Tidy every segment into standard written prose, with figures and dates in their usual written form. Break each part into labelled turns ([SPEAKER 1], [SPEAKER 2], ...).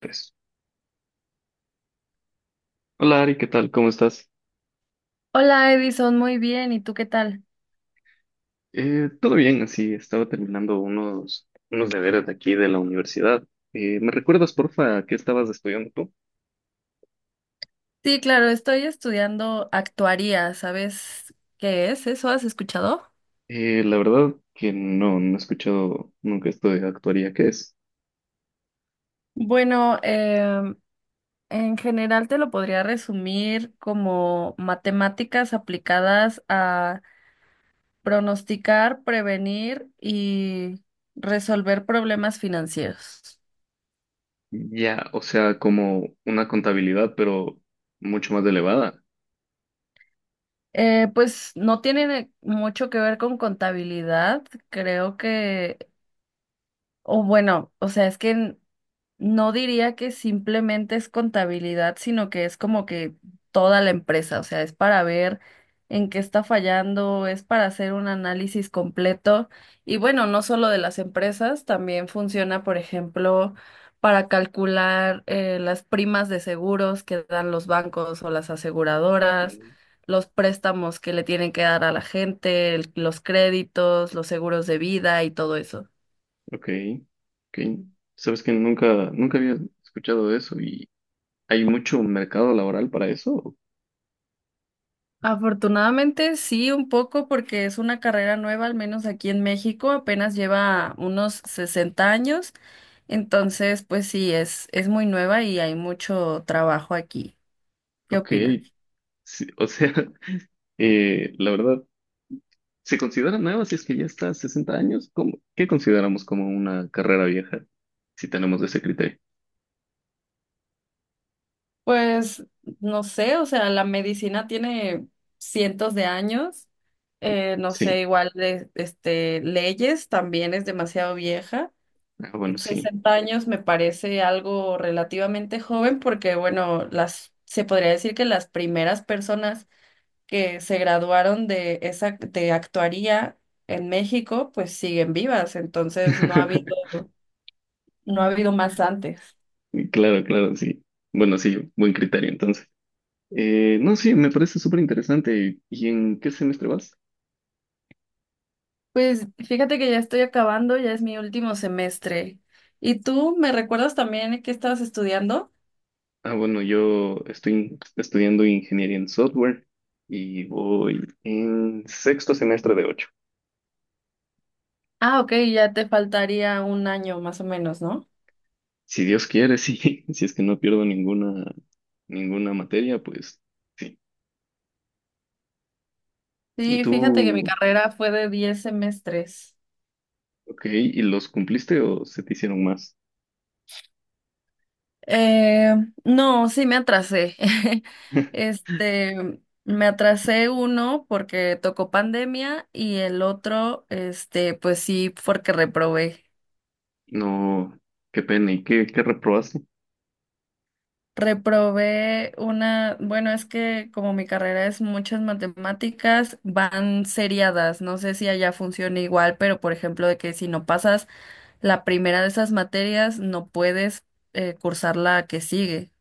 [SPEAKER 1] Pues, hola Ari, ¿qué tal? ¿Cómo estás?
[SPEAKER 2] Hola Edison, muy bien. ¿Y tú qué tal?
[SPEAKER 1] Todo bien, así estaba terminando unos deberes de aquí de la universidad. ¿Me recuerdas, porfa, qué estabas estudiando tú?
[SPEAKER 2] Sí, claro, estoy estudiando actuaría. ¿Sabes qué es eso? ¿Has escuchado?
[SPEAKER 1] La verdad que no, no he escuchado nunca esto de actuaría, ¿qué es?
[SPEAKER 2] Bueno, en general te lo podría resumir como matemáticas aplicadas a pronosticar, prevenir y resolver problemas financieros.
[SPEAKER 1] Ya, o sea, como una contabilidad, pero mucho más elevada.
[SPEAKER 2] Pues no tiene mucho que ver con contabilidad, creo que, o bueno, o sea, es que no diría que simplemente es contabilidad, sino que es como que toda la empresa, o sea, es para ver en qué está fallando, es para hacer un análisis completo y bueno, no solo de las empresas, también funciona, por ejemplo, para calcular las primas de seguros que dan los bancos o las aseguradoras,
[SPEAKER 1] Sí.
[SPEAKER 2] los préstamos que le tienen que dar a la gente, los créditos, los seguros de vida y todo eso.
[SPEAKER 1] Ok, ok. Sabes que nunca, nunca había escuchado de eso y ¿hay mucho mercado laboral para eso?
[SPEAKER 2] Afortunadamente sí, un poco porque es una carrera nueva, al menos aquí en México, apenas lleva unos 60 años, entonces pues sí, es muy nueva y hay mucho trabajo aquí. ¿Qué
[SPEAKER 1] Ok,
[SPEAKER 2] opinas?
[SPEAKER 1] sí, o sea, la verdad. ¿Se considera nueva si es que ya está a 60 años? ¿ Qué consideramos como una carrera vieja? Si tenemos ese criterio.
[SPEAKER 2] Pues no sé, o sea, la medicina tiene cientos de años, no
[SPEAKER 1] Sí.
[SPEAKER 2] sé, igual de, este, leyes también es demasiado vieja.
[SPEAKER 1] Ah, bueno, sí.
[SPEAKER 2] Sesenta años me parece algo relativamente joven porque, bueno, se podría decir que las primeras personas que se graduaron de esa, de actuaría en México, pues siguen vivas, entonces no ha habido, no ha habido más antes.
[SPEAKER 1] Claro, claro, sí. Bueno, sí, buen criterio entonces. No, sí, me parece súper interesante. ¿Y en qué semestre vas?
[SPEAKER 2] Pues fíjate que ya estoy acabando, ya es mi último semestre. ¿Y tú me recuerdas también que estabas estudiando?
[SPEAKER 1] Ah, bueno, yo estoy estudiando ingeniería en software y voy en sexto semestre de ocho.
[SPEAKER 2] Ah, ok, ya te faltaría un año más o menos, ¿no?
[SPEAKER 1] Si Dios quiere, sí. Si es que no pierdo ninguna materia, pues sí. ¿Y
[SPEAKER 2] Sí, fíjate que mi
[SPEAKER 1] ¿Tú
[SPEAKER 2] carrera fue de 10 semestres.
[SPEAKER 1] Ok, ¿y los cumpliste o se te hicieron más?
[SPEAKER 2] Eh, no, sí me atrasé. Este, me atrasé uno porque tocó pandemia y el otro, este, pues sí, porque reprobé.
[SPEAKER 1] No, qué pena. ¿Y qué reprobaste?
[SPEAKER 2] Reprobé una, bueno, es que como mi carrera es muchas matemáticas, van seriadas. No sé si allá funciona igual, pero por ejemplo, de que si no pasas la primera de esas materias, no puedes cursar la que sigue.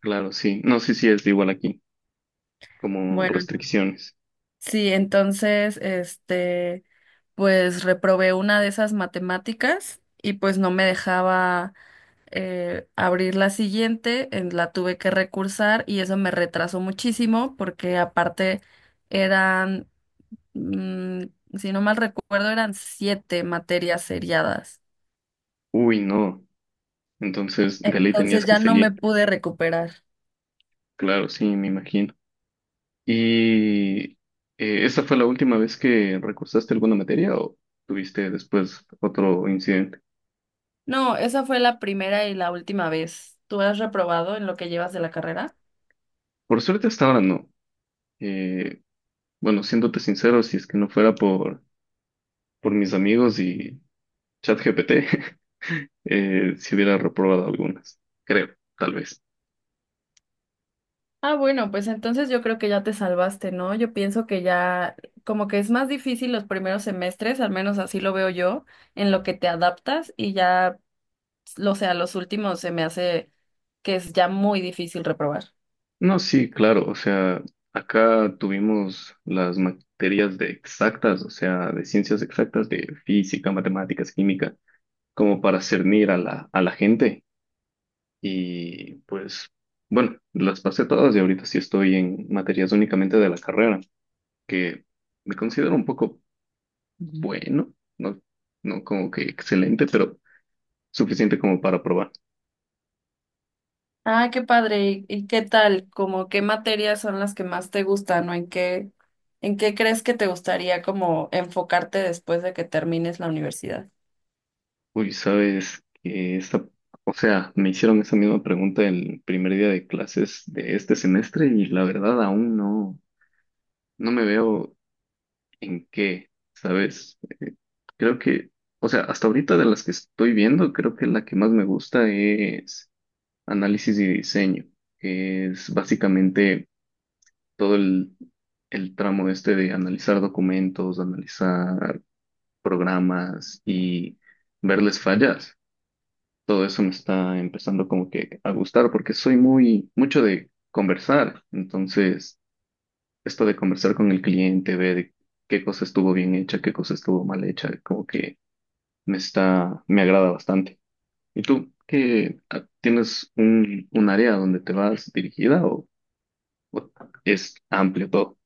[SPEAKER 1] Claro, sí. No, sí, sí, es igual aquí, como
[SPEAKER 2] Bueno,
[SPEAKER 1] restricciones.
[SPEAKER 2] sí, entonces, este, pues reprobé una de esas matemáticas y pues no me dejaba abrir la siguiente, la tuve que recursar y eso me retrasó muchísimo porque aparte eran, mm, si no mal recuerdo, eran siete materias seriadas.
[SPEAKER 1] Uy, no. Entonces, de ley tenías
[SPEAKER 2] Entonces
[SPEAKER 1] que
[SPEAKER 2] ya no me
[SPEAKER 1] seguir.
[SPEAKER 2] pude recuperar.
[SPEAKER 1] Claro, sí, me imagino. ¿Y esa fue la última vez que recursaste alguna materia o tuviste después otro incidente?
[SPEAKER 2] No, esa fue la primera y la última vez. ¿Tú has reprobado en lo que llevas de la carrera?
[SPEAKER 1] Por suerte hasta ahora no. Eh, bueno, siéndote sincero, si es que no fuera por, mis amigos y ChatGPT, si hubiera reprobado algunas, creo, tal vez.
[SPEAKER 2] Ah, bueno, pues entonces yo creo que ya te salvaste, ¿no? Yo pienso que ya como que es más difícil los primeros semestres, al menos así lo veo yo, en lo que te adaptas y ya, o sea, los últimos se me hace que es ya muy difícil reprobar.
[SPEAKER 1] No, sí, claro, o sea, acá tuvimos las materias de exactas, o sea, de ciencias exactas, de física, matemáticas, química, como para cernir a la gente. Y pues, bueno, las pasé todas y ahorita sí estoy en materias únicamente de la carrera, que me considero un poco bueno, no, no como que excelente, pero suficiente como para probar.
[SPEAKER 2] Ah, qué padre. ¿Y qué tal? ¿Como qué materias son las que más te gustan o en qué crees que te gustaría como enfocarte después de que termines la universidad?
[SPEAKER 1] Uy, sabes que esta, o sea, me hicieron esa misma pregunta el primer día de clases de este semestre y la verdad aún no, no me veo en qué, ¿sabes? Creo que, o sea, hasta ahorita de las que estoy viendo, creo que la que más me gusta es análisis y diseño, que es básicamente todo el tramo este de analizar documentos, analizar programas y verles fallas. Todo eso me está empezando como que a gustar porque soy muy mucho de conversar. Entonces, esto de conversar con el cliente, ver qué cosa estuvo bien hecha, qué cosa estuvo mal hecha, como que me está, me agrada bastante. ¿Y tú tienes un área donde te vas dirigida o es amplio todo?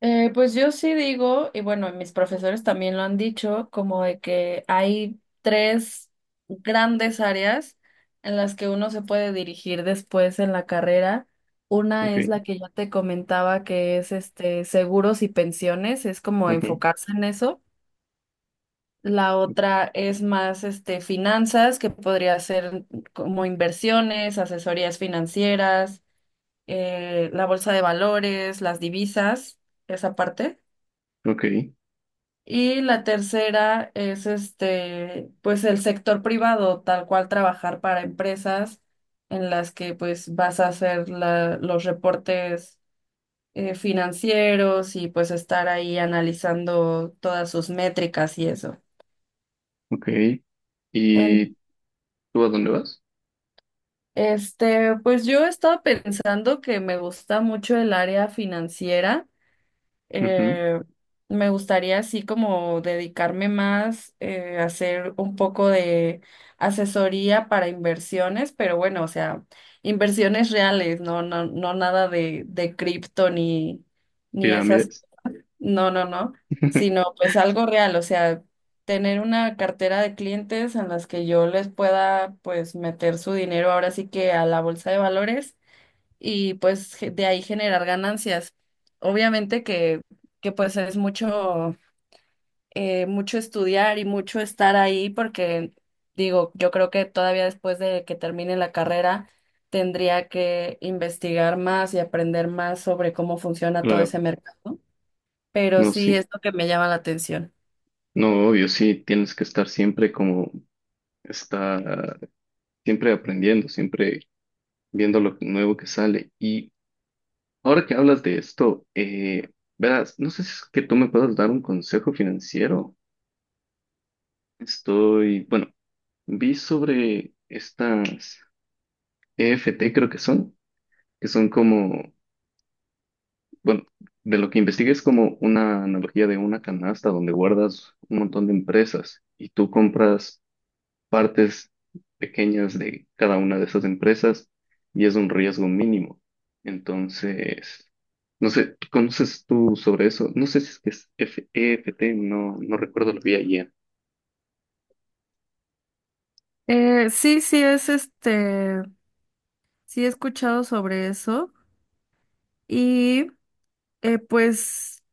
[SPEAKER 2] Pues yo sí digo, y bueno, mis profesores también lo han dicho, como de que hay tres grandes áreas en las que uno se puede dirigir después en la carrera. Una
[SPEAKER 1] Ok,
[SPEAKER 2] es la que ya te comentaba que es este seguros y pensiones, es como
[SPEAKER 1] ujú,
[SPEAKER 2] enfocarse en eso. La otra es más este finanzas, que podría ser como inversiones, asesorías financieras, la bolsa de valores, las divisas, esa parte.
[SPEAKER 1] ok,
[SPEAKER 2] Y la tercera es este, pues el sector privado, tal cual trabajar para empresas en las que pues vas a hacer los reportes financieros y pues estar ahí analizando todas sus métricas y eso.
[SPEAKER 1] ok.
[SPEAKER 2] En,
[SPEAKER 1] ¿Y tú a dónde vas?
[SPEAKER 2] este, pues yo estaba pensando que me gusta mucho el área financiera.
[SPEAKER 1] Ujú,
[SPEAKER 2] Eh, Me gustaría así como dedicarme más a hacer un poco de asesoría para inversiones, pero bueno, o sea, inversiones reales, no, no, no nada de cripto ni esas,
[SPEAKER 1] Pirámides.
[SPEAKER 2] no, no, no, sino pues algo real, o sea, tener una cartera de clientes en las que yo les pueda pues meter su dinero ahora sí que a la bolsa de valores y pues ge- de ahí generar ganancias. Obviamente que pues es mucho, mucho estudiar y mucho estar ahí porque digo, yo creo que todavía después de que termine la carrera tendría que investigar más y aprender más sobre cómo funciona todo
[SPEAKER 1] Claro,
[SPEAKER 2] ese mercado, pero
[SPEAKER 1] no,
[SPEAKER 2] sí
[SPEAKER 1] sí.
[SPEAKER 2] es lo que me llama la atención.
[SPEAKER 1] No, obvio, sí, tienes que estar siempre como está, siempre aprendiendo, siempre viendo lo nuevo que sale. Y ahora que hablas de esto, verás, no sé si es que tú me puedas dar un consejo financiero. Estoy, bueno, vi sobre estas EFT, creo que son como, bueno, de lo que investigué es como una analogía de una canasta donde guardas un montón de empresas y tú compras partes pequeñas de cada una de esas empresas y es un riesgo mínimo. Entonces, no sé, ¿tú ¿conoces tú sobre eso? No sé si es que es EFT, no, no recuerdo, lo vi ayer.
[SPEAKER 2] Sí, sí, es este. Sí, he escuchado sobre eso y pues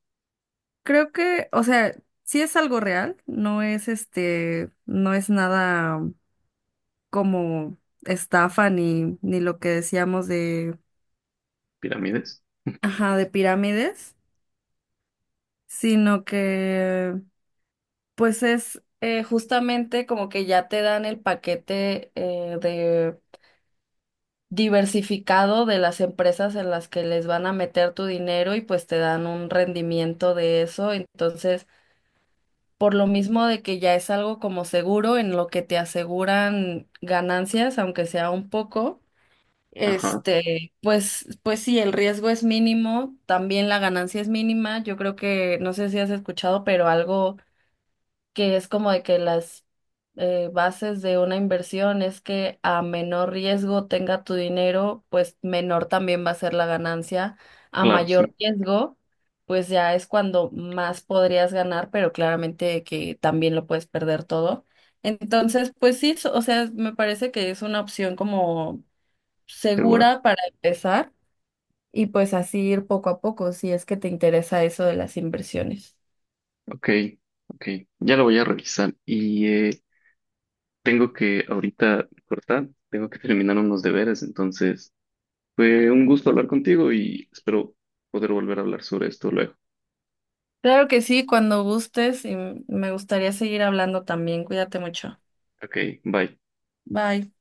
[SPEAKER 2] creo que, o sea, sí es algo real, no es este, no es nada como estafa ni lo que decíamos de,
[SPEAKER 1] ¿Pirámides?
[SPEAKER 2] ajá, de pirámides, sino que pues es justamente como que ya te dan el paquete de diversificado de las empresas en las que les van a meter tu dinero y pues te dan un rendimiento de eso, entonces por lo mismo de que ya es algo como seguro en lo que te aseguran ganancias, aunque sea un poco,
[SPEAKER 1] Ajá,
[SPEAKER 2] este, pues sí, el riesgo es mínimo, también la ganancia es mínima. Yo creo que, no sé si has escuchado, pero algo que es como de que las bases de una inversión es que a menor riesgo tenga tu dinero, pues menor también va a ser la ganancia. A
[SPEAKER 1] claro,
[SPEAKER 2] mayor
[SPEAKER 1] sí,
[SPEAKER 2] riesgo, pues ya es cuando más podrías ganar, pero claramente que también lo puedes perder todo. Entonces, pues sí, o sea, me parece que es una opción como
[SPEAKER 1] segura.
[SPEAKER 2] segura para empezar y pues así ir poco a poco si es que te interesa eso de las inversiones.
[SPEAKER 1] Ok, ok, ya lo voy a revisar y tengo que ahorita cortar, tengo que terminar unos deberes, entonces fue un gusto hablar contigo y espero poder volver a hablar sobre esto luego.
[SPEAKER 2] Claro que sí, cuando gustes y me gustaría seguir hablando también. Cuídate mucho.
[SPEAKER 1] Ok, bye.
[SPEAKER 2] Bye.